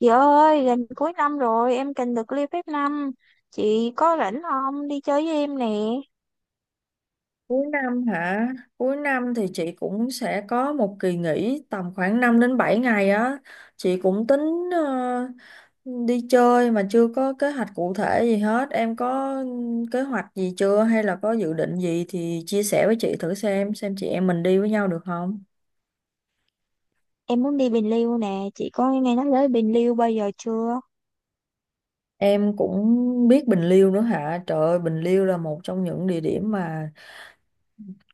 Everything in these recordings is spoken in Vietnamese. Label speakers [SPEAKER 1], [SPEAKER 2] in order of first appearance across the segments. [SPEAKER 1] Chị ơi, gần cuối năm rồi, em cần được leave phép năm. Chị có rảnh không? Đi chơi với em nè.
[SPEAKER 2] Cuối năm hả? Cuối năm thì chị cũng sẽ có một kỳ nghỉ tầm khoảng 5 đến 7 ngày á. Chị cũng tính ờ, đi chơi mà chưa có kế hoạch cụ thể gì hết. Em có kế hoạch gì chưa hay là có dự định gì thì chia sẻ với chị thử xem chị em mình đi với nhau được không?
[SPEAKER 1] Em muốn đi Bình Liêu nè. Chị có nghe nói tới Bình Liêu bao giờ chưa?
[SPEAKER 2] Em cũng biết Bình Liêu nữa hả? Trời ơi, Bình Liêu là một trong những địa điểm mà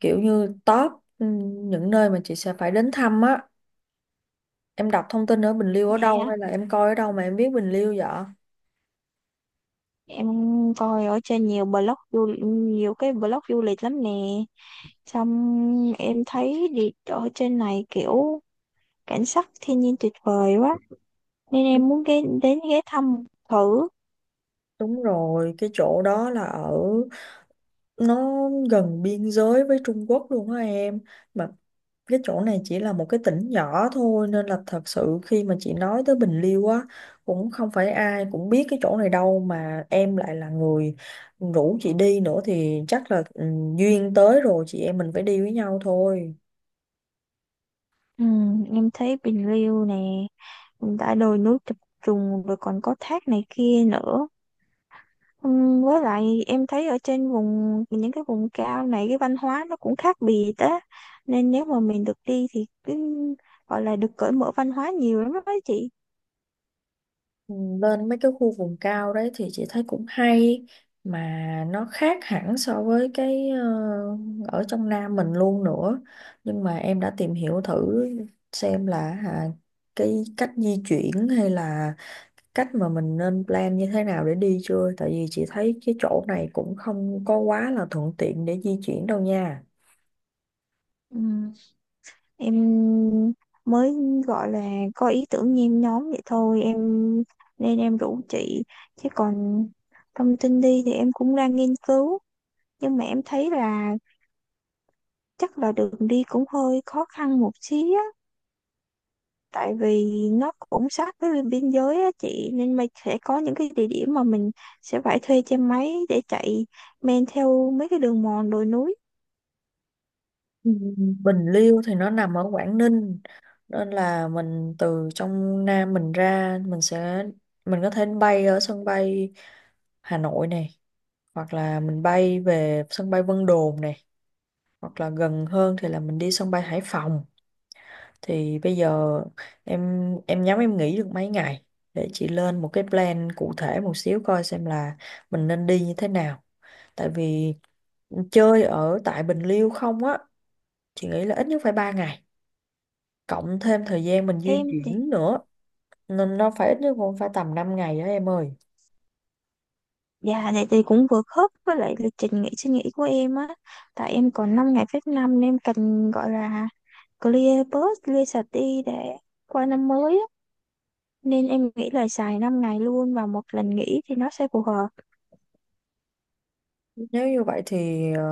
[SPEAKER 2] kiểu như top, ừ, những nơi mà chị sẽ phải đến thăm á. Em đọc thông tin ở Bình Liêu ở
[SPEAKER 1] Vậy
[SPEAKER 2] đâu
[SPEAKER 1] hả?
[SPEAKER 2] hay là em coi ở đâu mà em biết Bình Liêu vậy?
[SPEAKER 1] Em coi ở trên nhiều cái blog du lịch lắm nè. Xong em thấy đi ở trên này kiểu cảnh sắc thiên nhiên tuyệt vời quá. Nên
[SPEAKER 2] Đúng,
[SPEAKER 1] em muốn ghé thăm thử.
[SPEAKER 2] đúng rồi, cái chỗ đó là ở nó gần biên giới với Trung Quốc luôn á em. Mà cái chỗ này chỉ là một cái tỉnh nhỏ thôi, nên là thật sự khi mà chị nói tới Bình Liêu á cũng không phải ai cũng biết cái chỗ này đâu, mà em lại là người rủ chị đi nữa thì chắc là duyên tới rồi, chị em mình phải đi với nhau thôi.
[SPEAKER 1] Ừ, em thấy Bình Liêu nè, đã đồi núi chập trùng rồi còn có thác này kia nữa. Với lại em thấy ở trên những cái vùng cao này cái văn hóa nó cũng khác biệt á, nên nếu mà mình được đi thì gọi là được cởi mở văn hóa nhiều lắm đó chị.
[SPEAKER 2] Ừ, lên mấy cái khu vùng cao đấy thì chị thấy cũng hay, mà nó khác hẳn so với cái ở trong Nam mình luôn nữa. Nhưng mà em đã tìm hiểu thử xem là à, cái cách di chuyển hay là cách mà mình nên plan như thế nào để đi chưa? Tại vì chị thấy cái chỗ này cũng không có quá là thuận tiện để di chuyển đâu nha.
[SPEAKER 1] Ừm, em mới gọi là có ý tưởng nhen nhóm vậy thôi em, nên em rủ chị, chứ còn thông tin đi thì em cũng đang nghiên cứu, nhưng mà em thấy là chắc là đường đi cũng hơi khó khăn một xíu á, tại vì nó cũng sát với bên biên giới á chị, nên mình sẽ có những cái địa điểm mà mình sẽ phải thuê xe máy để chạy men theo mấy cái đường mòn đồi núi.
[SPEAKER 2] Ừ. Bình Liêu thì nó nằm ở Quảng Ninh, nên là mình từ trong Nam mình ra mình có thể bay ở sân bay Hà Nội này, hoặc là mình bay về sân bay Vân Đồn này, hoặc là gần hơn thì là mình đi sân bay Hải Phòng. Thì bây giờ em nhắm em nghỉ được mấy ngày để chị lên một cái plan cụ thể một xíu, coi xem là mình nên đi như thế nào. Tại vì chơi ở tại Bình Liêu không á, chị nghĩ là ít nhất phải 3 ngày, cộng thêm thời gian mình di
[SPEAKER 1] Em thì
[SPEAKER 2] chuyển nữa, nên nó phải ít nhất cũng phải tầm 5 ngày đó em ơi.
[SPEAKER 1] Dạ này thì cũng vừa khớp với lại lịch trình suy nghĩ của em á, tại em còn 5 ngày phép năm nên em cần gọi là clear sạch đi để qua năm mới á, nên em nghĩ là xài 5 ngày luôn và một lần nghỉ thì nó sẽ phù hợp.
[SPEAKER 2] Nếu như vậy thì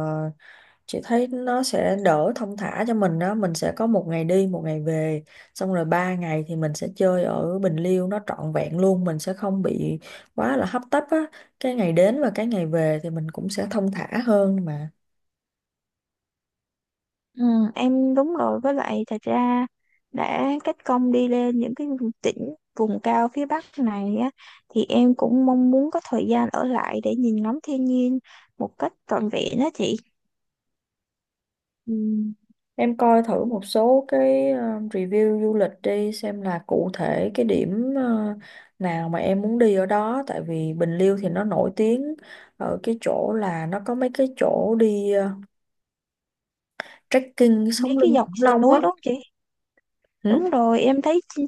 [SPEAKER 2] chị thấy nó sẽ đỡ, thong thả cho mình đó, mình sẽ có một ngày đi một ngày về, xong rồi 3 ngày thì mình sẽ chơi ở Bình Liêu nó trọn vẹn luôn, mình sẽ không bị quá là hấp tấp á. Cái ngày đến và cái ngày về thì mình cũng sẽ thong thả hơn mà.
[SPEAKER 1] Ừ, đúng rồi, với lại thật ra đã kết công đi lên những cái tỉnh vùng cao phía Bắc này á, thì em cũng mong muốn có thời gian ở lại để nhìn ngắm thiên nhiên một cách trọn vẹn á chị.
[SPEAKER 2] Ừm, Em coi thử một số cái review du lịch đi, xem là cụ thể cái điểm nào mà em muốn đi ở đó. Tại vì Bình Liêu thì nó nổi tiếng ở cái chỗ là nó có mấy cái chỗ đi trekking
[SPEAKER 1] Mấy
[SPEAKER 2] sống
[SPEAKER 1] cái
[SPEAKER 2] lưng
[SPEAKER 1] dọc
[SPEAKER 2] khủng
[SPEAKER 1] sườn
[SPEAKER 2] long
[SPEAKER 1] núi
[SPEAKER 2] á.
[SPEAKER 1] đúng không chị? Đúng rồi, em thấy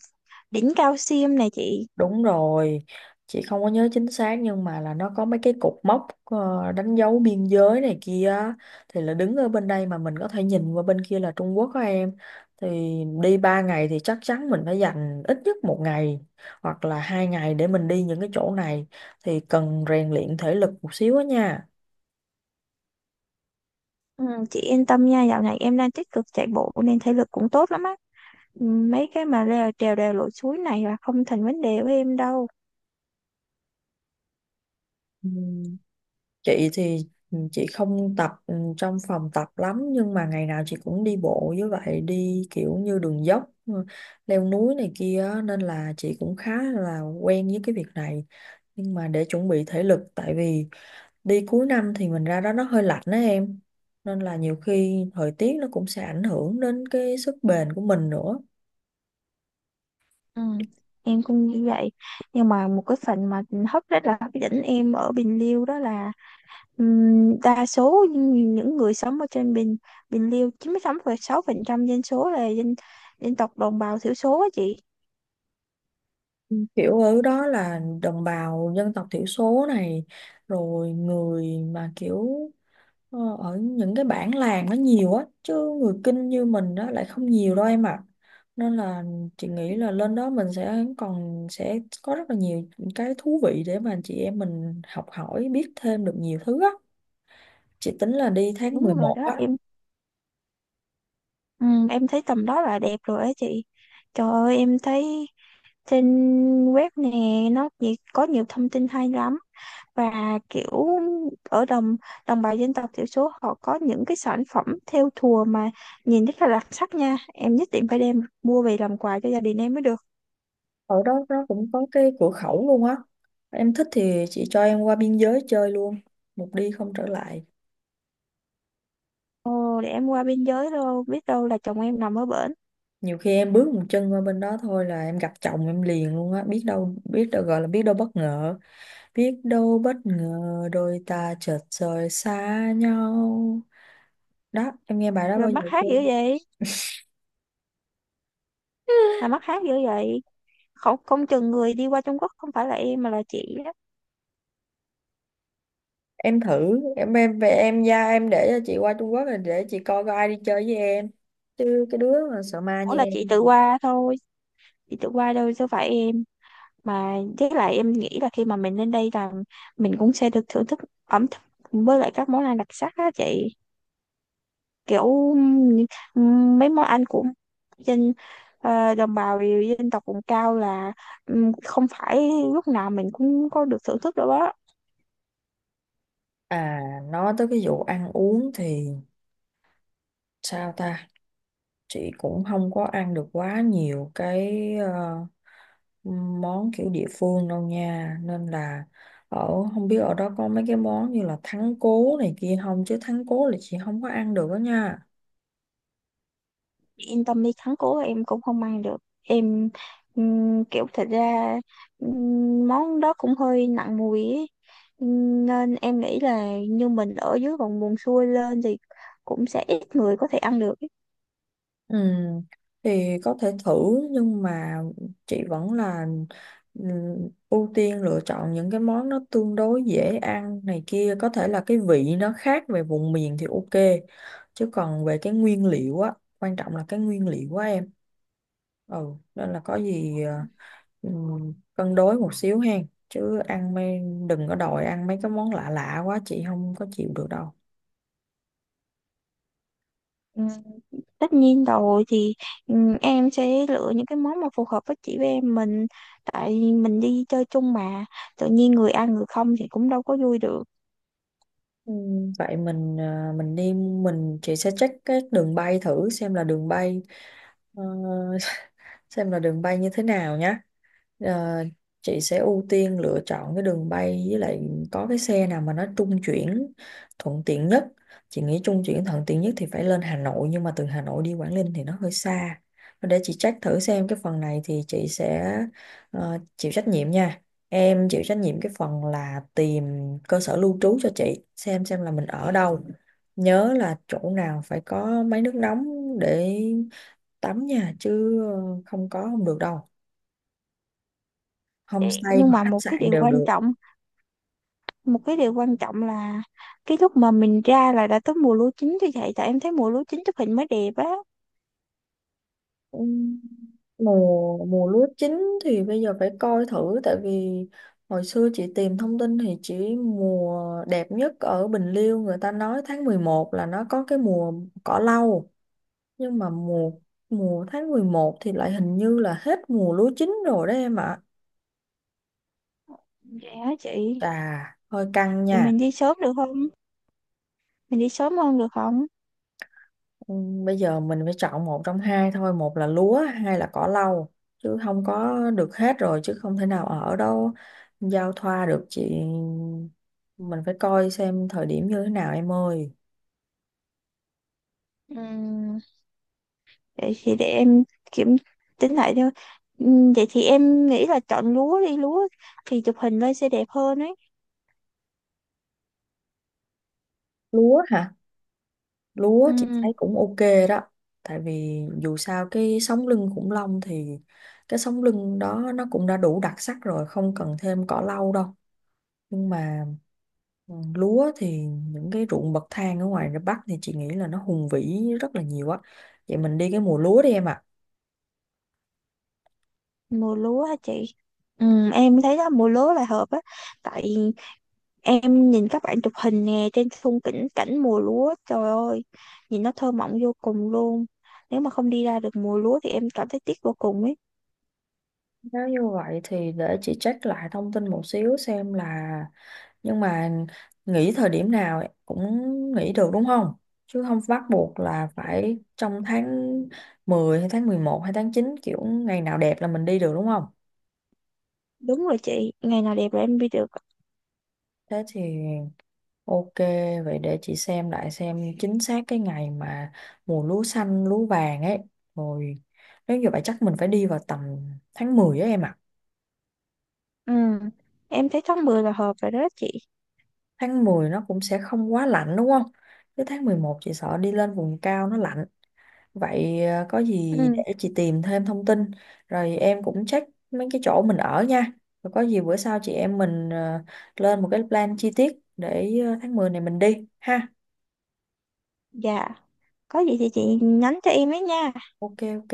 [SPEAKER 1] đỉnh Cao Sim này chị.
[SPEAKER 2] Đúng rồi, chị không có nhớ chính xác nhưng mà là nó có mấy cái cột mốc đánh dấu biên giới này kia á. Thì là đứng ở bên đây mà mình có thể nhìn qua bên kia là Trung Quốc á em. Thì đi 3 ngày thì chắc chắn mình phải dành ít nhất một ngày hoặc là 2 ngày để mình đi những cái chỗ này, thì cần rèn luyện thể lực một xíu á nha.
[SPEAKER 1] Ừ, chị yên tâm nha, dạo này em đang tích cực chạy bộ nên thể lực cũng tốt lắm á. Ừ, mấy cái mà leo trèo đèo lội suối này là không thành vấn đề với em đâu.
[SPEAKER 2] Ừ. Chị thì chị không tập trong phòng tập lắm, nhưng mà ngày nào chị cũng đi bộ với vậy, đi kiểu như đường dốc, leo núi này kia á, nên là chị cũng khá là quen với cái việc này. Nhưng mà để chuẩn bị thể lực, tại vì đi cuối năm thì mình ra đó nó hơi lạnh đó em, nên là nhiều khi thời tiết nó cũng sẽ ảnh hưởng đến cái sức bền của mình nữa.
[SPEAKER 1] Ừ, em cũng như vậy, nhưng mà một cái phần mà rất là hấp dẫn em ở Bình Liêu đó là, đa số những người sống ở trên Bình Bình Liêu, 96,6% dân số là dân dân tộc đồng bào thiểu số á chị.
[SPEAKER 2] Ừ, kiểu ở đó là đồng bào dân tộc thiểu số này, rồi người mà kiểu ở những cái bản làng nó nhiều á chứ, người Kinh như mình đó lại không nhiều đâu em ạ. Nên là chị nghĩ là lên đó mình sẽ còn sẽ có rất là nhiều cái thú vị để mà chị em mình học hỏi, biết thêm được nhiều thứ á. Chị tính là đi tháng mười
[SPEAKER 1] Đúng rồi
[SPEAKER 2] một
[SPEAKER 1] đó
[SPEAKER 2] á.
[SPEAKER 1] em. Em thấy tầm đó là đẹp rồi á chị. Trời ơi em thấy trên web nè, có nhiều thông tin hay lắm. Và kiểu ở đồng đồng bào dân tộc thiểu số họ có những cái sản phẩm thêu thùa mà nhìn rất là đặc sắc nha, em nhất định phải đem mua về làm quà cho gia đình em mới được.
[SPEAKER 2] Ở đó nó cũng có cái cửa khẩu luôn á, em thích thì chị cho em qua biên giới chơi luôn, một đi không trở lại.
[SPEAKER 1] Ồ để em qua biên giới đâu, biết đâu là chồng em nằm ở bển.
[SPEAKER 2] Nhiều khi em bước một chân qua bên đó thôi là em gặp chồng em liền luôn á, biết đâu biết đâu, gọi là biết đâu bất ngờ. Biết đâu bất ngờ đôi ta chợt rời xa nhau. Đó, em nghe bài đó
[SPEAKER 1] Rồi
[SPEAKER 2] bao
[SPEAKER 1] mắc
[SPEAKER 2] giờ
[SPEAKER 1] hát
[SPEAKER 2] chưa?
[SPEAKER 1] dữ vậy, mắc hát dữ vậy, không không chừng người đi qua Trung Quốc không phải là em mà là chị á.
[SPEAKER 2] Em thử, em về em ra em để cho chị qua Trung Quốc rồi để chị coi coi ai đi chơi với em. Chứ cái đứa mà sợ ma
[SPEAKER 1] Ủa
[SPEAKER 2] như
[SPEAKER 1] là chị
[SPEAKER 2] em.
[SPEAKER 1] tự qua thôi, chị tự qua đâu chứ phải em. Mà với lại em nghĩ là khi mà mình lên đây là mình cũng sẽ được thưởng thức ẩm thực với lại các món ăn đặc sắc á chị, kiểu ừm, mấy món ăn của dân đồng bào dân tộc vùng cao là, không phải lúc nào mình cũng có được thưởng thức đâu đó.
[SPEAKER 2] À, nói tới cái vụ ăn uống thì sao ta? Chị cũng không có ăn được quá nhiều cái món kiểu địa phương đâu nha, nên là ở, không biết ở đó có mấy cái món như là thắng cố này kia không, chứ thắng cố là chị không có ăn được đó nha.
[SPEAKER 1] Yên tâm đi, thắng cố em cũng không ăn được. em Kiểu thật ra, món đó cũng hơi nặng mùi ấy. Nên em nghĩ là như mình ở dưới vùng buồn xuôi lên thì cũng sẽ ít người có thể ăn được.
[SPEAKER 2] Ừ, thì có thể thử nhưng mà chị vẫn là ừ, ưu tiên lựa chọn những cái món nó tương đối dễ ăn này kia, có thể là cái vị nó khác về vùng miền thì ok, chứ còn về cái nguyên liệu á, quan trọng là cái nguyên liệu á em. Ừ Nên là có gì cân đối một xíu hen, chứ ăn mấy, đừng có đòi ăn mấy cái món lạ lạ quá chị không có chịu được đâu.
[SPEAKER 1] Ừ, tất nhiên rồi thì, ừ, em sẽ lựa những cái món mà phù hợp với chị với em mình, tại mình đi chơi chung mà, tự nhiên người ăn người không thì cũng đâu có vui được.
[SPEAKER 2] Vậy mình đi mình, chị sẽ check cái đường bay thử xem là đường bay ờ, xem là đường bay như thế nào nhá. Ờ, chị sẽ ưu tiên lựa chọn cái đường bay, với lại có cái xe nào mà nó trung chuyển thuận tiện nhất. Chị nghĩ trung chuyển thuận tiện nhất thì phải lên Hà Nội, nhưng mà từ Hà Nội đi Quảng Ninh thì nó hơi xa. Để chị check thử xem, cái phần này thì chị sẽ chịu trách nhiệm nha. Em chịu trách nhiệm cái phần là tìm cơ sở lưu trú cho chị, xem là mình ở đâu. Nhớ là chỗ nào phải có máy nước nóng để tắm nha, chứ không có không được đâu. Homestay
[SPEAKER 1] Nhưng
[SPEAKER 2] hoặc
[SPEAKER 1] mà
[SPEAKER 2] khách sạn đều được.
[SPEAKER 1] một cái điều quan trọng là cái lúc mà mình ra là đã tới mùa lúa chín, thì vậy tại em thấy mùa lúa chín chụp hình mới đẹp á.
[SPEAKER 2] Ừm, mùa mùa lúa chín thì bây giờ phải coi thử. Tại vì hồi xưa chị tìm thông tin thì chỉ mùa đẹp nhất ở Bình Liêu, người ta nói tháng 11 là nó có cái mùa cỏ lau, nhưng mà mùa mùa tháng 11 thì lại hình như là hết mùa lúa chín rồi đó em ạ.
[SPEAKER 1] Dạ chị,
[SPEAKER 2] Chà, hơi căng
[SPEAKER 1] thì
[SPEAKER 2] nha.
[SPEAKER 1] mình đi sớm được không, mình đi sớm hơn được không?
[SPEAKER 2] Ừ, bây giờ mình phải chọn một trong hai thôi, một là lúa, hai là cỏ lau, chứ không có được hết rồi, chứ không thể nào ở đâu giao thoa được chị. Mình phải coi xem thời điểm như thế nào em ơi.
[SPEAKER 1] Ừ. Vậy thì để em kiểm tính lại thôi. Vậy thì em nghĩ là chọn lúa đi, lúa thì chụp hình lên sẽ đẹp hơn ấy.
[SPEAKER 2] Lúa hả? Lúa chị
[SPEAKER 1] Ừm,
[SPEAKER 2] thấy cũng ok đó, tại vì dù sao cái sống lưng khủng long thì cái sống lưng đó nó cũng đã đủ đặc sắc rồi, không cần thêm cỏ lau đâu. Nhưng mà lúa thì những cái ruộng bậc thang ở ngoài Bắc thì chị nghĩ là nó hùng vĩ rất là nhiều á. Vậy mình đi cái mùa lúa đi em ạ.
[SPEAKER 1] mùa lúa hả chị? Em thấy đó mùa lúa là hợp á. Tại em nhìn các bạn chụp hình nè, trên khung cảnh cảnh mùa lúa, trời ơi, nhìn nó thơ mộng vô cùng luôn. Nếu mà không đi ra được mùa lúa thì em cảm thấy tiếc vô cùng ấy.
[SPEAKER 2] Nếu như vậy thì để chị check lại thông tin một xíu, xem là, nhưng mà nghỉ thời điểm nào cũng nghỉ được đúng không? Chứ không bắt buộc là phải trong tháng 10 hay tháng 11 hay tháng 9, kiểu ngày nào đẹp là mình đi được đúng không?
[SPEAKER 1] Đúng rồi chị, ngày nào đẹp là em đi được.
[SPEAKER 2] Thế thì ok, vậy để chị xem lại xem chính xác cái ngày mà mùa lúa xanh, lúa vàng ấy. Rồi, nếu như vậy chắc mình phải đi vào tầm tháng 10 á em ạ.
[SPEAKER 1] Ừm, Em thấy tháng 10 là hợp rồi đó chị.
[SPEAKER 2] Tháng 10 nó cũng sẽ không quá lạnh đúng không? Tới tháng 11 chị sợ đi lên vùng cao nó lạnh. Vậy có gì
[SPEAKER 1] Ừm,
[SPEAKER 2] để chị tìm thêm thông tin. Rồi em cũng check mấy cái chỗ mình ở nha. Rồi có gì bữa sau chị em mình lên một cái plan chi tiết để tháng 10 này mình đi ha.
[SPEAKER 1] dạ. Có gì thì chị nhắn cho em ấy nha.
[SPEAKER 2] Ok ok.